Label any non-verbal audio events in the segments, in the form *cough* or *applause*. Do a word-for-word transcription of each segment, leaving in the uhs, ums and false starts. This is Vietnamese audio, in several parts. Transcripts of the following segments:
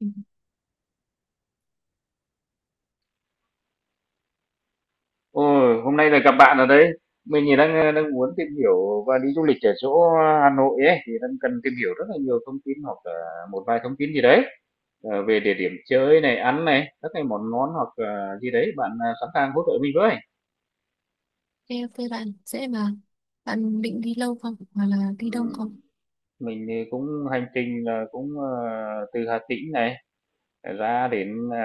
Ừ. Ôi, hôm nay là gặp bạn ở đấy. Mình thì đang ờ, đang muốn tìm hiểu và đi du lịch ở chỗ Hà Nội ấy thì đang cần tìm hiểu rất là nhiều thông tin hoặc là một vài thông tin gì đấy ờ, về địa điểm chơi này, ăn này, các cái món ngon hoặc là gì đấy. Bạn ờ, sẵn sàng hỗ trợ mình với. Ok, ok, bạn dễ mà. Bạn định đi lâu không hoặc là Ừ, đi đông không? mình thì cũng hành trình là cũng ờ, từ Hà Tĩnh này ra đến ờ,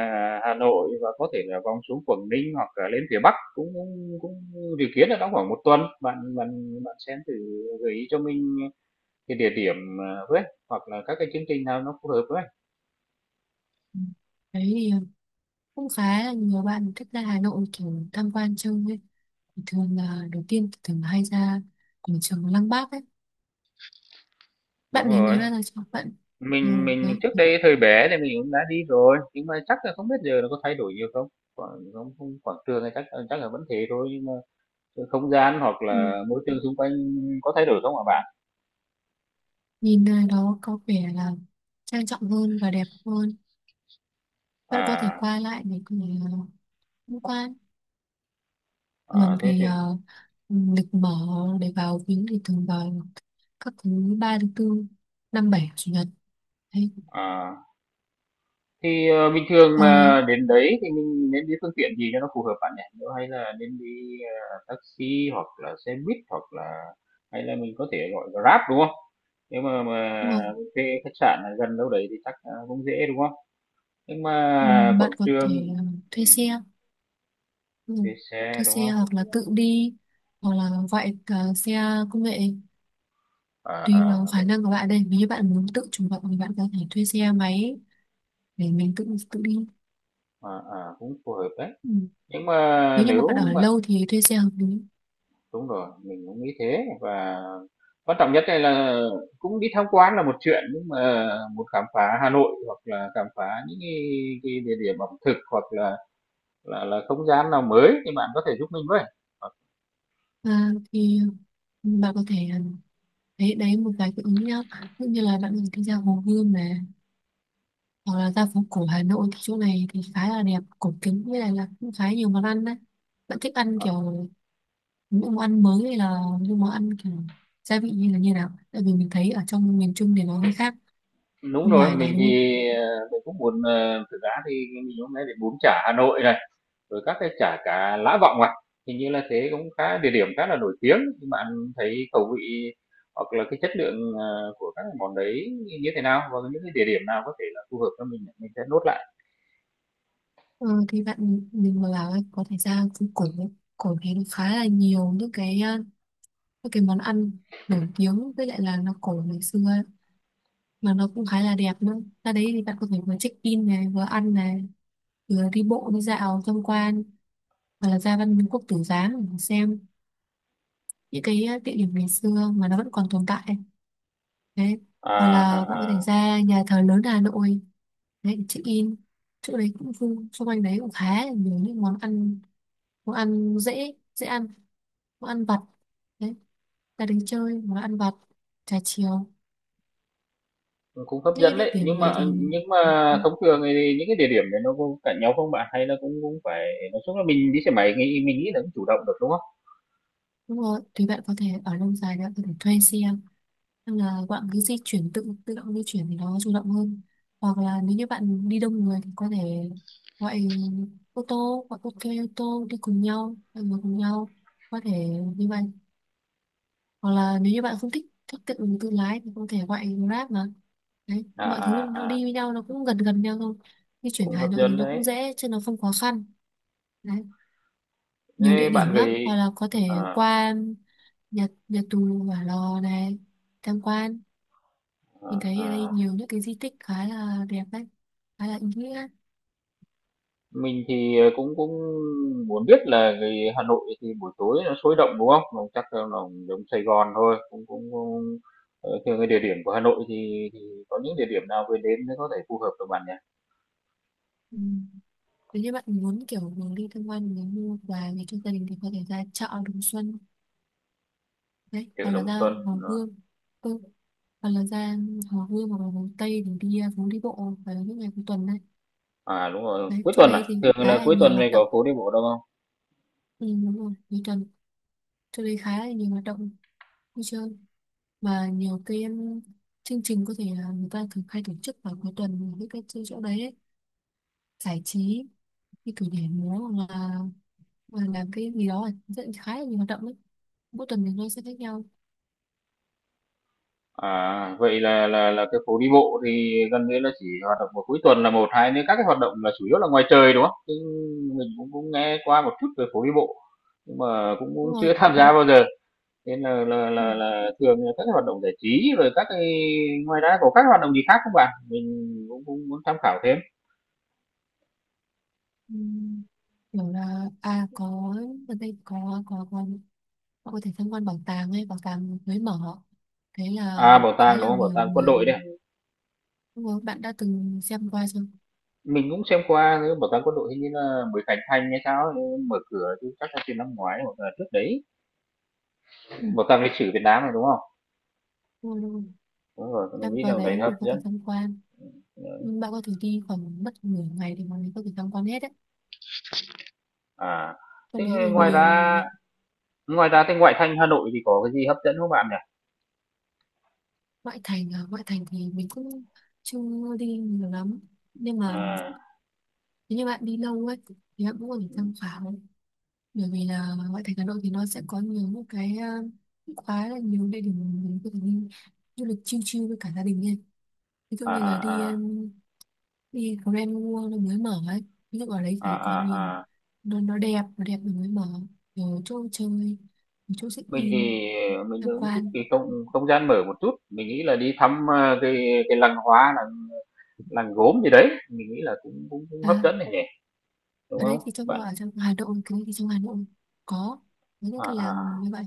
Hà Nội và có thể là vòng xuống Quảng Ninh hoặc là lên phía Bắc cũng cũng, cũng dự kiến là trong khoảng một tuần. Bạn bạn bạn xem thử gợi ý cho mình cái địa điểm, ờ, với, hoặc là các cái chương trình nào nó phù hợp với. Ừ, đấy thì ờ, cũng khá là nhiều bạn thích ra Hà Nội kiểu tham quan chơi ấy. Thì thường là đầu tiên thì thường hay ra quảng trường Lăng Bác ấy. Đúng Bạn đến rồi, đấy bao giờ chưa bạn? Ừ, mình mình đấy. trước đây thời bé thì mình cũng đã đi rồi, nhưng mà chắc là không biết giờ nó có thay đổi nhiều không? Quảng không không quảng trường thì chắc chắc là vẫn thế thôi, nhưng mà cái không gian hoặc Ừ, là môi trường xung quanh có thay đổi không ạ bạn? nhìn nơi đó có vẻ là trang trọng hơn và đẹp hơn. Bạn có thể À, qua lại để có thể uh, tham quan. à, Thường thế thì thì ờ, lịch mở để vào viếng thì thường vào các thứ ba, thứ tư, năm, bảy, chủ nhật, hay à. Thì, ờ, bình thường hoặc là, mà đến đấy thì mình nên đi phương tiện gì cho nó phù hợp bạn nhỉ? Nếu hay là nên đi, ờ, taxi hoặc là xe buýt hoặc là hay là mình có thể gọi Grab, đúng không? Nếu mà mà đúng không? thuê khách sạn ở gần đâu đấy thì chắc, ờ, cũng dễ, đúng không? Nhưng Ừ, mà quảng bạn có thể trường ờ, thuê ừm, xe ừ, thuê xe, thuê đúng xe không? hoặc là tự đi hoặc là gọi ờ, xe công nghệ, À, tùy vào à, khả cũng năng của bạn đây. Nếu như bạn muốn tự chủ động thì bạn có thể thuê xe máy để mình tự tự đi. à, à, cũng phù hợp đấy. Ừ, Nhưng mà nếu như mà nếu bạn ở lâu thì thuê xe hợp lý. đúng rồi, mình cũng nghĩ thế và quan trọng nhất đây là cũng đi tham quan là một chuyện, nhưng mà một khám phá Hà Nội hoặc là khám phá những cái cái địa điểm ẩm thực hoặc là là là không gian nào mới thì bạn có thể giúp mình với. Ờ, À, thì ừ, bạn có thể ờ, đấy đấy một vài cái ý nhá. Ví như là bạn mình đi ra Hồ Gươm này, hoặc là ra phố cổ Hà Nội thì chỗ này thì khá là đẹp cổ kính, với lại là cũng khá nhiều món ăn đấy. Bạn thích ăn ờ, kiểu những món ăn mới hay là những món ăn kiểu gia vị như là như nào, tại vì mình thấy ở trong miền Trung thì nó hơi khác đúng bên rồi, ngoài này, mình thì, đúng không? ờ, mình cũng muốn, ờ, thực ra thì mình hôm nay đến bún chả Hà Nội này, rồi các cái chả cá Lã Vọng à? Hình như là thế cũng khá địa điểm khá là nổi tiếng, thì bạn thấy khẩu vị hoặc là cái chất lượng, ờ, của các món đấy như thế nào? Và những cái địa điểm nào có thể là phù hợp cho mình mình sẽ nốt lại. ờ, thì bạn mình mà bảo ấy, có thể ra phố cổ ấy. Cổ thì nó khá là nhiều những cái ờ, những cái món ăn nổi tiếng, với lại là nó cổ ngày xưa ấy, mà nó cũng khá là đẹp nữa. Ra đấy thì bạn có thể vừa check in này, vừa ăn này, vừa đi bộ đi dạo tham quan, hoặc là ra Văn Miếu Quốc Tử Giám để xem những cái ờ, địa điểm ngày xưa mà nó vẫn còn tồn tại đấy. À, Hoặc à, là bạn có thể à. ra nhà thờ lớn Hà Nội đấy để check in, chỗ đấy cũng vui, xung quanh đấy cũng khá là nhiều những món ăn, món ăn dễ dễ ăn, món ăn vặt đấy, ra đến chơi món ăn vặt, trà chiều. Cũng hấp Những cái dẫn địa đấy, điểm nhưng này mà thì nhưng mà ừ, thông thường thì những cái địa điểm này nó có cạnh nhau không bạn? Hay là cũng cũng phải nói chung là mình đi xe máy nghĩ mình nghĩ là cũng chủ động được, đúng không? đúng rồi, thì bạn có thể ở lâu dài, bạn có thể thuê xe. Nên là bạn cứ di chuyển, tự tự động di chuyển thì nó chủ động hơn. Hoặc là nếu như bạn đi đông người thì có thể gọi ô tô, hoặc ok, ô tô đi cùng nhau, mọi người cùng nhau có thể như vậy. Hoặc là nếu như bạn không thích thích tự tự lái thì có thể gọi Grab mà. Đấy, À, mọi thứ à, nó à, đi với nhau, nó cũng gần gần nhau thôi, di chuyển cũng Hà hấp Nội thì dẫn nó cũng đấy. dễ chứ nó không khó khăn. Đấy, nhiều Thế địa bạn điểm lắm, hoặc gửi là có thể à, qua nhật nhật tù Hỏa Lò này tham quan, mình à, thấy ở đây à. nhiều những cái di tích khá là đẹp đấy, khá là ý nghĩa. Mình thì, ờ, cũng cũng muốn biết là vì Hà Nội thì buổi tối nó sôi động, đúng không? Nó chắc là nó giống Sài Gòn thôi, cũng cũng cũng ờ, theo cái địa điểm của Hà Nội thì thì có những địa điểm nào vừa đến mới có thể phù hợp được bạn nhỉ? Ừ. Nếu như bạn muốn kiểu mình đi tham quan, mình mua quà về cho gia đình thì có thể ra chợ Đồng Xuân đấy, Chợ hoặc là Đồng ra Xuân, Hồ ờ, Gươm. Ừ, hoặc là ra Hồ Gươm hoặc là Hồ Tây để đi à, phố đi bộ vào những ngày cuối tuần này, à, đúng rồi, đấy cuối chỗ tuần à? đấy thì Thường khá là là cuối nhiều tuần này hoạt động. có phố đi bộ đâu không? Ừ, đúng rồi, cuối tuần chỗ đấy khá là nhiều hoạt động vui chơi, mà nhiều cái um, chương trình có thể là người ta thường hay tổ chức vào cuối tuần, với các chỗ chỗ đấy ấy, giải trí như kiểu nhảy múa, hoặc là hoặc là làm cái gì đó, rất khá là nhiều hoạt động đấy, mỗi tuần thì nó sẽ khác nhau. À, vậy là là là cái phố đi bộ thì gần như là chỉ hoạt động vào cuối tuần là một, hai nữa các cái hoạt động là chủ yếu là ngoài trời, đúng không? Chứ mình cũng cũng nghe qua một chút về phố đi bộ, nhưng mà cũng cũng Đúng rồi. chưa *laughs* tham gia bao giờ. Thế là là Ừ. là là thường là các cái hoạt động giải trí rồi các cái ngoài ra có các hoạt động gì khác không bạn? Mình cũng cũng muốn tham khảo thêm. Ừ, kiểu là à có, ở đây có có có họ có thể tham quan bảo tàng hay bảo tàng mới mở, thế là À, bảo khá tàng, là đúng không? Bảo nhiều tàng quân người. đội đấy à? Đúng rồi, bạn đã từng xem qua chưa? Mình cũng xem qua cái bảo tàng quân đội hình như là mới khánh thành hay sao ấy, mở cửa chứ chắc là từ năm ngoái hoặc là trước đấy. Ừ, Bảo tàng lịch sử Việt Nam này, đúng không? đúng rồi, đúng rồi. Đúng rồi, mình Xem nghĩ qua là đấy đấy thì hấp có thể dẫn. tham quan, bạn có thể đi khoảng mất nửa ngày để mà mình có thể tham quan hết đấy, À, thế trong đấy thì ngoài nhiều. ra ngoài ra thì ngoại thành Hà Nội thì có cái gì hấp dẫn không bạn nhỉ? Ngoại thành à, ngoại thành thì mình cũng chưa đi nhiều lắm, nhưng mà À, nếu như bạn đi lâu ấy thì bạn cũng có thể tham khảo, bởi vì là ngoại thành Hà Nội thì nó sẽ có nhiều những cái ờ, khá là nhiều địa điểm mình có thể đi du lịch chill chill với cả gia đình nha. Ví dụ à, như là đi à, à, em, đi Grand World nó mới mở ấy, ví dụ ở đấy à, thì có nhiều, à, à. nó nó đẹp, nó đẹp, nó mới mở rồi, chỗ chơi, chỗ check Mình in thì, ờ, mình tham cũng thích cái quan. không không gian mở một chút, mình nghĩ là đi thăm, a, cái cái làng hoa, làng làng gốm gì đấy, mình nghĩ là cũng cũng cũng hấp À, dẫn này nhỉ, đúng ở đấy không? thì trong Bạn ở trong Hà Nội, cái đấy thì trong Hà Nội có những à, cái làng như à, vậy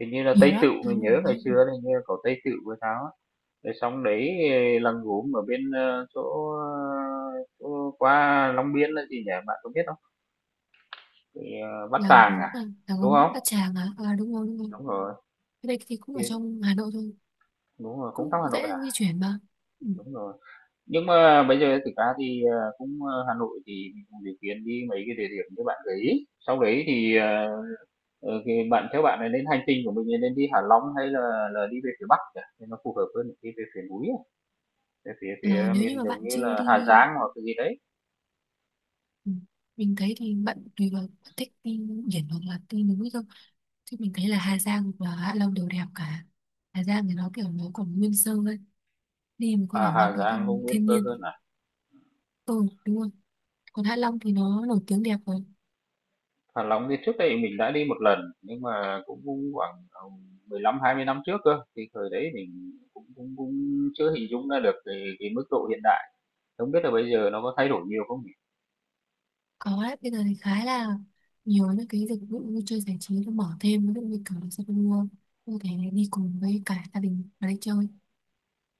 hình như là nhiều Tây Tựu, lắm, Hà mình nhớ Nội ngày làng, xưa là hình như là có Tây Tựu với tháo á, rồi xong đấy eh, làng gốm ở bên, ơ, chỗ, ơ, chỗ qua Long Biên là gì nhỉ, bạn có biết không? Cái, ờ, Bát làng Tràng gốm à, à, làng đúng gốm không? Bát Tràng à, à đúng rồi, đúng rồi. Đúng rồi, Cái đây thì cũng thì ở trong Hà Nội thôi, đúng rồi, cũng cũng trong Hà Nội à? dễ di chuyển mà. Ừ. Đúng rồi. Nhưng mà bây giờ thực ra thì, ờ, cũng, ờ, Hà Nội thì mình cũng dự kiến đi mấy cái địa điểm như bạn gợi ý. Sau đấy thì, ờ, ờ, thì bạn theo bạn này nên hành trình của mình là nên đi Hạ Long hay là là đi về phía Bắc nhỉ? Thì nó phù hợp hơn đi về phía núi à, về phía Ờ, phía Nếu như miền mà giống bạn như chưa là Hà đi, Giang hoặc cái gì đấy. ừ, mình thấy thì bạn tùy vào bạn thích đi biển hoặc là đi núi thôi, chứ mình thấy là Hà Giang và Hạ Long đều đẹp cả. Hà Giang thì nó kiểu nó còn nguyên sơ ấy, đi mình có À, thể ngắm Hà được Giang cũng thiên, nguyên thiên cơ nhiên hơn à. Ừ, đúng rồi, còn Hạ Long thì nó nổi tiếng đẹp rồi. Hạ Long thì trước đây mình đã đi một lần nhưng mà cũng, cũng khoảng ờ, mười lăm hai mươi năm trước cơ. Thì thời đấy mình cũng cũng, cũng chưa hình dung ra được cái, cái mức độ hiện đại. Không biết là bây giờ nó có thay đổi nhiều không nhỉ? Có đấy, bây giờ thì khá là nhiều những cái dịch vụ vui chơi giải trí nó mở thêm, ví dụ như kiểu là xe mua có thể đi cùng với cả gia đình mà đi chơi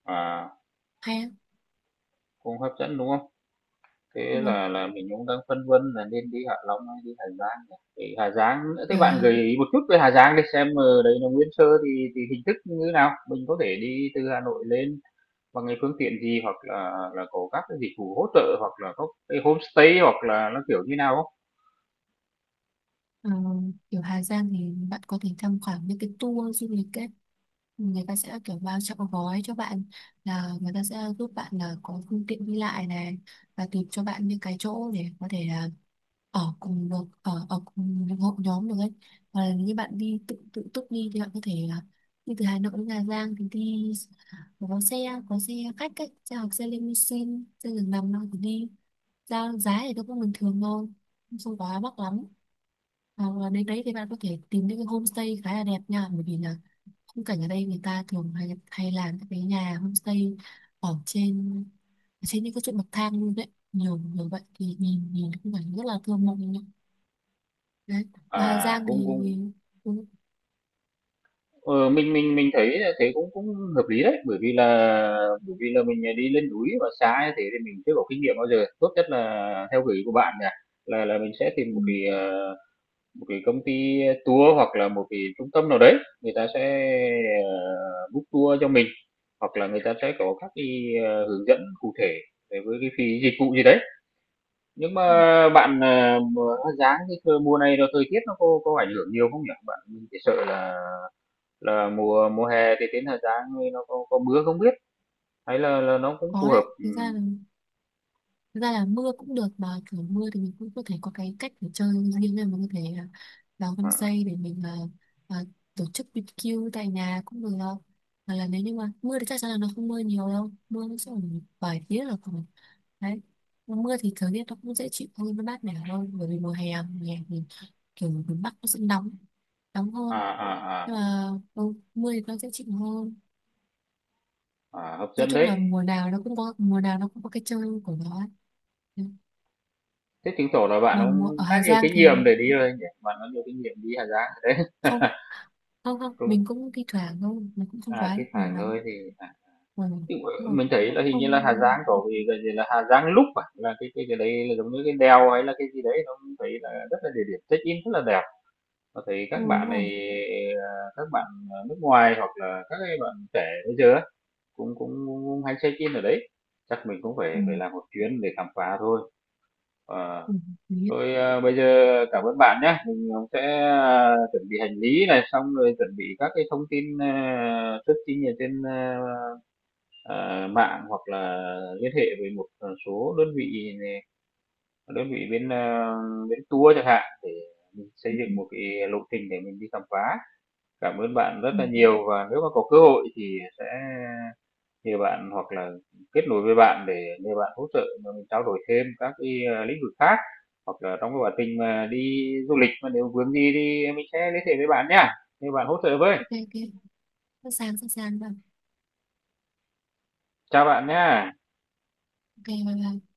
À. hay á. Cũng hấp dẫn, đúng không? Thế Nhưng mà là là mình cũng đang phân vân là nên đi Hạ Long hay đi Hà Giang nhỉ? Thì Hà Giang nữa, thế kiểu bạn là, gợi ý một chút về Hà Giang để xem ở đấy là nguyên sơ thì thì hình thức như thế nào? Mình có thể đi từ Hà Nội lên bằng cái phương tiện gì hoặc là là có các cái dịch vụ hỗ trợ hoặc là có cái homestay hoặc là nó kiểu như nào không? Ờ, kiểu Hà Giang thì bạn có thể tham khảo những cái tour du lịch ấy, người ta sẽ kiểu bao trọn gói cho bạn, là người ta sẽ giúp bạn là có phương tiện đi lại này, và tìm cho bạn những cái chỗ để có thể là ở cùng được, ở ở cùng những hội nhóm được ấy. Hoặc là như bạn đi tự tự túc đi thì bạn có thể là đi từ Hà Nội đến Hà Giang thì đi có xe có xe khách ấy, xe, hoặc xe limousine, xe giường nằm đâu thì đi. Ra giá thì nó cũng bình thường thôi, không quá mắc lắm. Ờ, đến đấy thì bạn có thể tìm những cái homestay khá là đẹp nha, bởi vì là khung cảnh ở đây người ta thường hay hay làm các cái nhà homestay ở trên ở trên những cái chỗ bậc thang luôn đấy, nhiều nhiều vậy thì nhìn nhìn khung cảnh rất là thơ mộng nhá. Đấy, và Hà À, Giang cũng thì, cũng thì cũng, ờ, mình mình mình thấy là thế cũng cũng hợp lý đấy, bởi vì là bởi vì là mình, à, đi lên núi và xa như thế thì mình chưa có kinh nghiệm bao giờ. Tốt nhất là theo gợi ý của bạn nè, là là mình sẽ tìm ừ, một cái, ờ, một cái công ty tour hoặc là một cái trung tâm nào đấy, người ta sẽ, ờ, book tour cho mình, hoặc là người ta sẽ có các cái, ờ, hướng dẫn cụ thể về với cái phí dịch vụ gì đấy. Nhưng mà cũng bạn, à, mà giá cái thời mùa này rồi thời tiết nó có có ảnh hưởng nhiều không nhỉ? Bạn mình chỉ sợ là là mùa mùa hè thì đến thời gian thì nó có, có mưa không biết hay là là nó cũng phù có hợp đấy, ừ. thực ra là Thực ra là mưa cũng được, mà kiểu mưa thì mình cũng có thể có cái cách để chơi riêng, là mình có thể à, vào home À, stay để mình à, à, tổ chức bi bi kiu tại nhà cũng được đâu. Hoặc là nếu như mà mưa thì chắc chắn là nó không mưa nhiều đâu, mưa nó sẽ ở một vài tiếng là còn đấy. Mưa thì thời tiết nó cũng dễ chịu hơn, nó mát mẻ hơn, bởi vì mùa hè mùa hè thì kiểu miền Bắc nó sẽ nóng nóng à, hơn, à, à, nhưng mà ừ, mưa thì nó dễ chịu hơn. à, hợp Nói dẫn chung đấy. là mùa nào nó cũng có mùa nào nó cũng có cái chơi của nó ấy. Thế chứng tỏ là bạn Mà mùa, ở cũng khá Hà nhiều Giang kinh thì nghiệm để đi rồi nhỉ, bạn có nhiều kinh nghiệm đi Hà Giang đấy. không, không, không, *laughs* mình Cũng cũng thi thoảng thôi, mình cũng không à quá cái phải nhiều nơi lắm. thì à, Ừ, thì đúng rồi, mình thấy là cũng hình như là không. Hà Giang có vì cái gì là Hà Giang lúc à là cái cái cái đấy là giống như cái đèo hay là cái gì đấy nó cũng thấy là rất là địa điểm check in rất là đẹp và thấy Ừ, các đúng bạn rồi. này à, các bạn nước ngoài hoặc là các cái bạn trẻ bây giờ á, Cũng cũng cũng hay check in ở đấy, chắc mình cũng Ừ. phải phải làm một chuyến để khám phá thôi. Ờ, Ừ, hợp lý. thôi, a, bây giờ cảm ơn bạn nhé, mình, ờ, sẽ, à, chuẩn bị hành lý này, xong rồi chuẩn bị các cái thông tin, à, searching ở trên, a, à, mạng hoặc là liên hệ với một, ờ, số đơn vị nè, đơn vị bên, a, bên tour chẳng hạn để mình xây Ừ. Ừ. dựng một cái lộ trình để mình đi khám phá. Cảm ơn bạn rất Ừ. là nhiều và nếu mà có cơ hội thì sẽ thì bạn hoặc là kết nối với bạn để nhờ bạn hỗ trợ mình trao đổi thêm các cái, ờ, lĩnh vực khác, hoặc là trong cái quá trình mà đi du lịch mà nếu vướng gì thì mình sẽ liên hệ với bạn nhá, nhờ bạn hỗ trợ với. Ok, ok, sẵn sàng, sẵn sàng rồi. Chào bạn nha. Ok, bye bye.